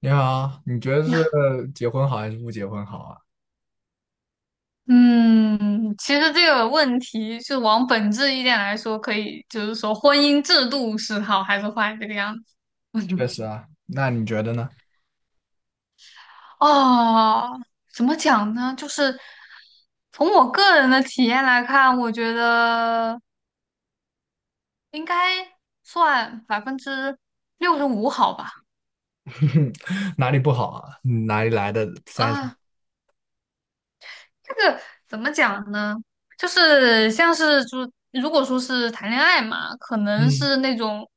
你好，你觉得 是呀，结婚好还是不结婚好啊？嗯，其实这个问题是往本质一点来说，可以就是说婚姻制度是好还是坏这个样子。确 实啊，那你觉得呢？哦，怎么讲呢？就是从我个人的体验来看，我觉得应该算65%好吧。哪里不好啊？嗯哪里来的三十？啊、这个怎么讲呢？就是像是就如果说是谈恋爱嘛，可能嗯是那种，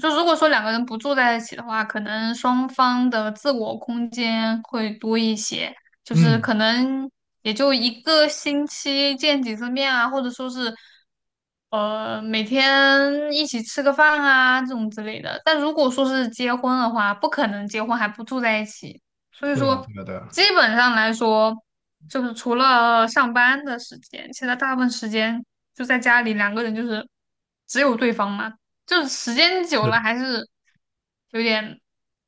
就如果说两个人不住在一起的话，可能双方的自我空间会多一些，就是嗯，可能也就一个星期见几次面啊，或者说是每天一起吃个饭啊这种之类的。但如果说是结婚的话，不可能结婚还不住在一起。所以对啊，说，对啊，对啊，基本上来说，就是除了上班的时间，其他大部分时间就在家里，两个人就是只有对方嘛，就是时间久是的了还是有点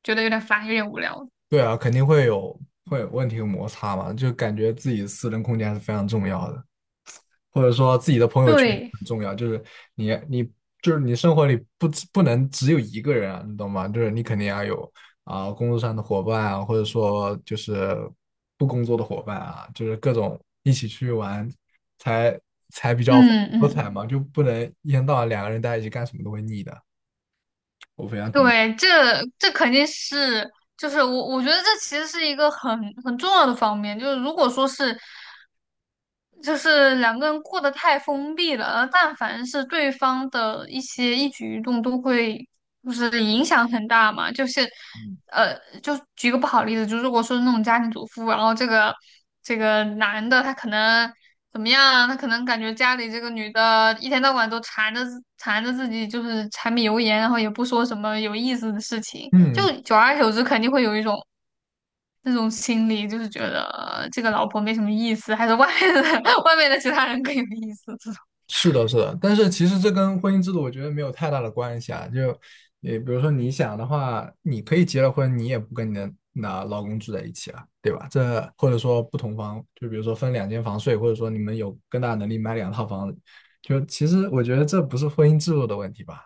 觉得有点烦，有点无聊。对啊，肯定会有问题有摩擦嘛，就感觉自己私人空间还是非常重要的。或者说自己的朋友圈对，很重要，就是你就是你生活里不能只有一个人啊，你懂吗？就是你肯定要有啊、工作上的伙伴啊，或者说就是不工作的伙伴啊，就是各种一起去玩才才比较丰嗯富多嗯，彩嘛，就不能一天到晚两个人待在一起干什么都会腻的。我非常同意。对，这肯定是，就是我觉得这其实是一个很重要的方面，就是如果说是就是两个人过得太封闭了，而但凡是对方的一些一举一动都会就是影响很大嘛，就是，嗯，呃，就举个不好的例子，就如果说是那种家庭主妇，然后这个男的他可能怎么样啊，他可能感觉家里这个女的一天到晚都缠着自己，就是柴米油盐，然后也不说什么有意思的事情，嗯就久而久之肯定会有一种那种心理，就是觉得这个老婆没什么意思，还是外面的 外面的其他人更有意思。是的，是的，但是其实这跟婚姻制度我觉得没有太大的关系啊。就，也比如说你想的话，你可以结了婚，你也不跟你的那老公住在一起了，对吧？这或者说不同房，就比如说分两间房睡，或者说你们有更大的能力买两套房子就其实我觉得这不是婚姻制度的问题吧。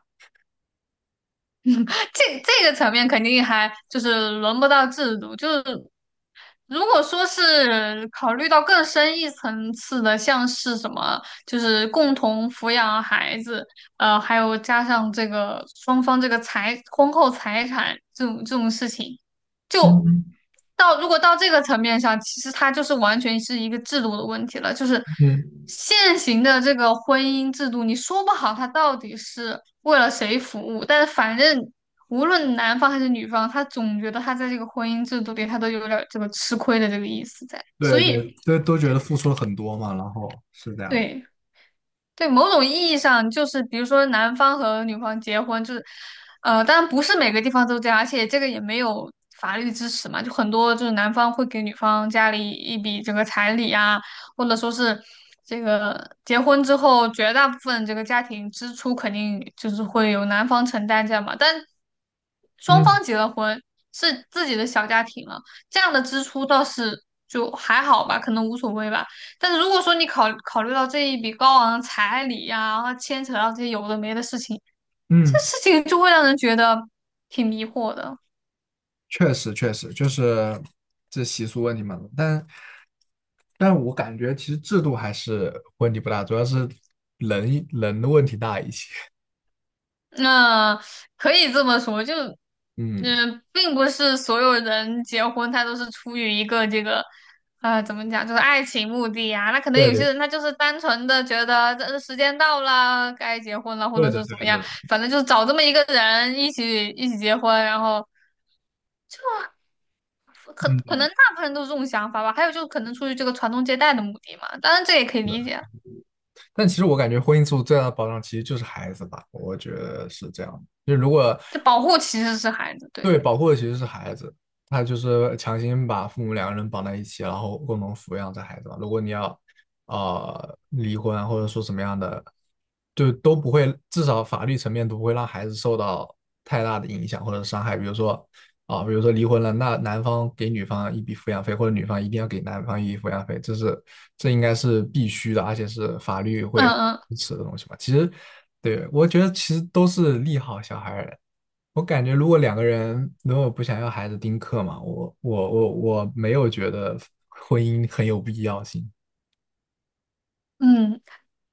这个层面肯定还就是轮不到制度，就是如果说是考虑到更深一层次的，像是什么，就是共同抚养孩子，还有加上这个双方这个财婚后财产这种事情，就嗯到如果到这个层面上，其实它就是完全是一个制度的问题了。就是嗯，现行的这个婚姻制度，你说不好它到底是为了谁服务，但是反正无论男方还是女方，他总觉得他在这个婚姻制度里，他都有点儿这个吃亏的这个意思在。所对以，对，都觉得付出了很多嘛，然后是这样。对，对，某种意义上就是，比如说男方和女方结婚，就是，当然不是每个地方都这样，而且这个也没有法律支持嘛，就很多就是男方会给女方家里一笔这个彩礼啊，或者说是这个结婚之后绝大部分这个家庭支出肯定就是会由男方承担这样嘛，但双嗯方结了婚是自己的小家庭了，这样的支出倒是就还好吧，可能无所谓吧。但是如果说你考虑到这一笔高昂的彩礼呀、然后牵扯到这些有的没的事情，这嗯。事情就会让人觉得挺迷惑的。确实确实就是这习俗问题嘛，但我感觉其实制度还是问题不大，主要是人的问题大一些。那、可以这么说，就嗯，并不是所有人结婚他都是出于一个这个啊，怎么讲，就是爱情目的呀。那可能对有些的，人他就是单纯的觉得这时间到了，该结婚了，或对者的，是对怎么样，的，反正就是找这么一个人一起结婚，然后。可可嗯，能大部分人都是这种想法吧。还有就是可能出于这个传宗接代的目的嘛，当然这也可以是理的。解。但其实我感觉婚姻制度最大的保障其实就是孩子吧，我觉得是这样。就如果这保护其实是孩子，对，对，保护的其实是孩子，他就是强行把父母两个人绑在一起，然后共同抚养这孩子嘛。如果你要离婚或者说什么样的，就都不会，至少法律层面都不会让孩子受到太大的影响或者伤害。比如说啊、比如说离婚了，那男方给女方一笔抚养费，或者女方一定要给男方一笔抚养费，这应该是必须的，而且是法律会嗯嗯支持的东西嘛。其实，对，我觉得其实都是利好小孩儿的。我感觉如果两个人如果不想要孩子丁克嘛，我没有觉得婚姻很有必要性。嗯，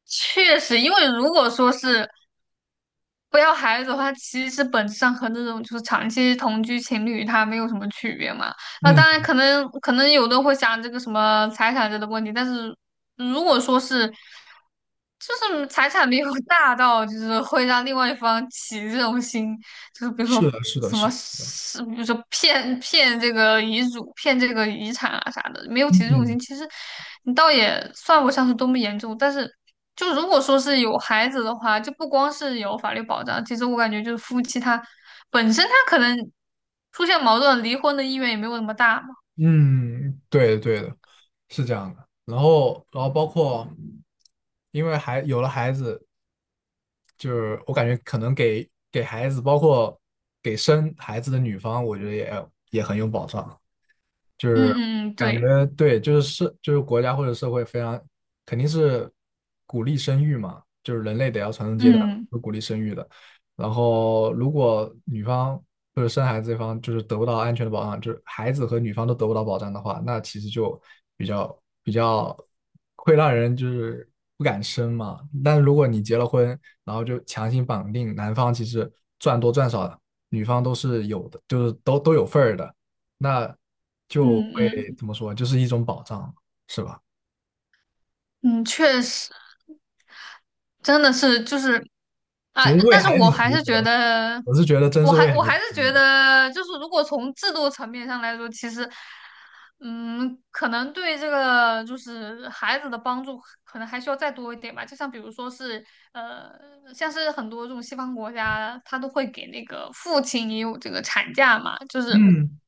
确实，因为如果说是不要孩子的话，其实本质上和那种就是长期同居情侣他没有什么区别嘛。那嗯，当然可能有的会想这个什么财产这类的问题，但是如果说是。就是财产没有 大到，就是会让另外一方起这种心，就是比如是说的，是的，什是么是，比如说骗这个遗嘱、骗这个遗产啊啥的，没有的起诉种嗯心，其实你倒也算不上是多么严重。但是，就如果说是有孩子的话，就不光是有法律保障，其实我感觉就是夫妻他本身他可能出现矛盾，离婚的意愿也没有那么大嘛。嗯，对的，对的，是这样的。然后，包括，因为还有了孩子，就是我感觉可能给孩子，包括给生孩子的女方，我觉得也很有保障。就是嗯嗯嗯，感对，觉对，就是国家或者社会非常肯定是鼓励生育嘛，就是人类得要传宗接代，嗯是鼓励生育的。然后如果女方或者生孩子这方就是得不到安全的保障，就是孩子和女方都得不到保障的话，那其实就比较会让人就是不敢生嘛。但是如果你结了婚，然后就强行绑定男方，其实赚多赚少，女方都是有的，就是都有份儿的，那就嗯嗯会怎么说，就是一种保障，是吧？嗯，确实。真的是就是啊，其实为但是孩子我还服务是觉的，得，我是觉得真是为孩我子服还是觉务。得，就是如果从制度层面上来说，其实，嗯，可能对这个就是孩子的帮助，可能还需要再多一点吧。就像比如说是，呃，像是很多这种西方国家，他都会给那个父亲也有这个产假嘛，就是嗯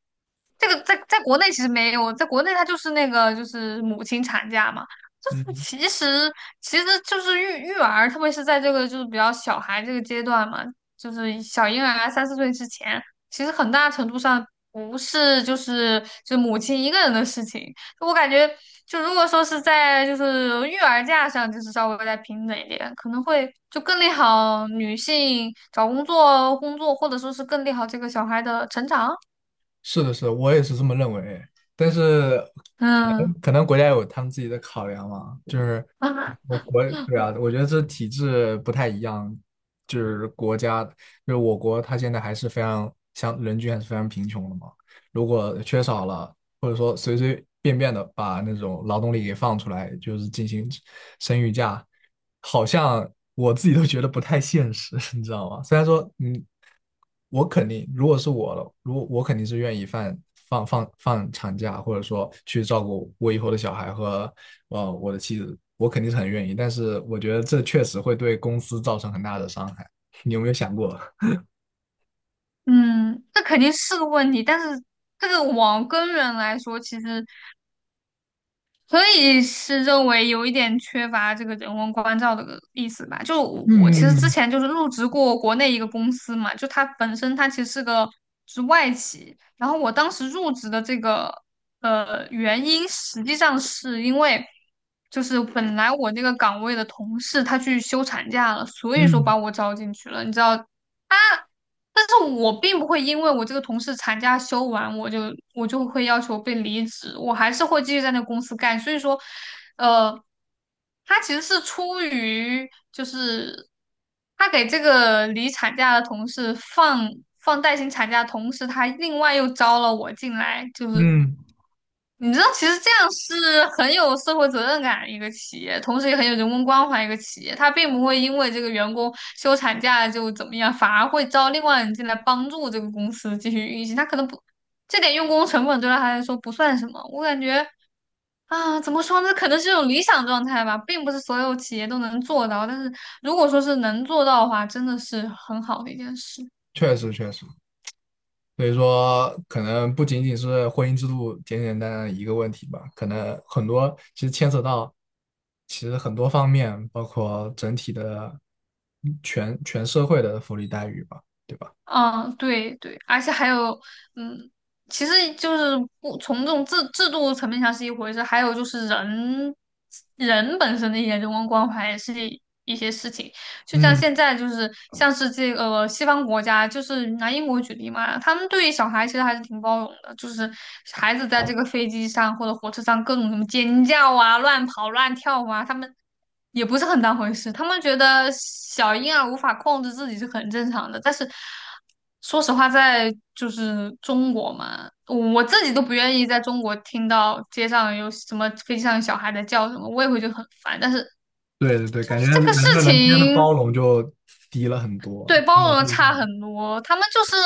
这个在国内其实没有，在国内它就是那个就是母亲产假嘛，就是嗯。其实就是育儿，特别是在这个就是比较小孩这个阶段嘛，就是小婴儿三四岁之前，其实很大程度上不是就是就母亲一个人的事情，我感觉就如果说是在就是育儿假上，就是稍微再平等一点，可能会就更利好女性找工作，或者说是更利好这个小孩的成长，是的，是的，我也是这么认为。但是可嗯。能可能国家有他们自己的考量嘛，就是 我国对啊，我觉得这体制不太一样，就是国家就是我国，它现在还是非常像人均还是非常贫穷的嘛。如果缺少了，或者说随随便便的把那种劳动力给放出来，就是进行生育假，好像我自己都觉得不太现实，你知道吗？虽然说，嗯。我肯定，如果是我了，如果我肯定是愿意放长假，或者说去照顾我以后的小孩和我的妻子，我肯定是很愿意。但是我觉得这确实会对公司造成很大的伤害。你有没有想过？嗯，这肯定是个问题，但是这个往根源来说，其实可以是认为有一点缺乏这个人文关照的意思吧。就我其实嗯之嗯前就是入职过国内一个公司嘛，就它本身它其实是个是外企，然后我当时入职的这个原因，实际上是因为就是本来我那个岗位的同事他去休产假了，所以说嗯，把我招进去了，你知道。但是我并不会因为我这个同事产假休完，我就会要求被离职，我还是会继续在那公司干。所以说，呃，他其实是出于就是他给这个离产假的同事放带薪产假的同时，他另外又招了我进来，就是嗯，你知道，其实这样是很有社会责任感的一个企业，同时也很有人文关怀一个企业。他并不会因为这个员工休产假就怎么样，反而会招另外人进来帮助这个公司继续运行。他可能不，这点用工成本对他来说不算什么。我感觉啊，怎么说呢？可能是一种理想状态吧，并不是所有企业都能做到。但是如果说是能做到的话，真的是很好的一件事。确实确实。所以说，可能不仅仅是婚姻制度简简单单的一个问题吧，可能很多其实牵扯到，其实很多方面，包括整体的全社会的福利待遇吧，对吧？嗯，对对，而且还有，嗯，其实就是不从这种制度层面上是一回事，还有就是人本身的一些人文关怀也是一些事情。就像嗯，现在就是像是这个西方国家，就是拿英国举例嘛，他们对于小孩其实还是挺包容的，就是孩子在这个飞机上或者火车上各种什么尖叫啊、乱跑乱跳啊，他们。也不是很当回事。他们觉得小婴儿无法控制自己是很正常的，但是说实话，在就是中国嘛，我自己都不愿意在中国听到街上有什么飞机上有小孩在叫什么，我也会觉得很烦。但是对对对，就感是觉这个人事和人之间的情。包容就低了很多。对，包嗯容对差很多，他们就是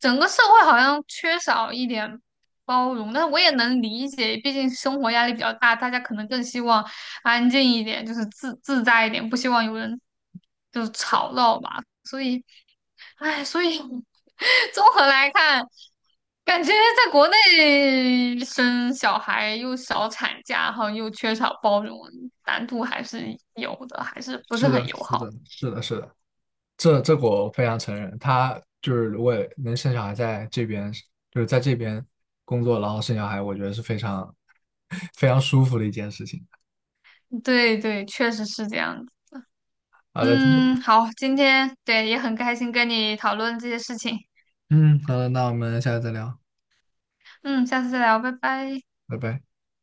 整个社会好像缺少一点包容，但是我也能理解，毕竟生活压力比较大，大家可能更希望安静一点，就是自在一点，不希望有人就是吵闹吧。所以，哎，所以 综合来看，感觉在国内生小孩又少产假，然后又缺少包容，难度还是有的，还是不是是的，很友是好。的，是的，是的。这个我非常承认，他就是如果能生小孩在这边，就是在这边工作，然后生小孩，我觉得是非常 非常舒服的一件事情。对对，确实是这样子。好的，嗯，好，今天对也很开心跟你讨论这些事情。嗯，好的，那我们下次再聊，嗯，下次再聊，拜拜。拜拜。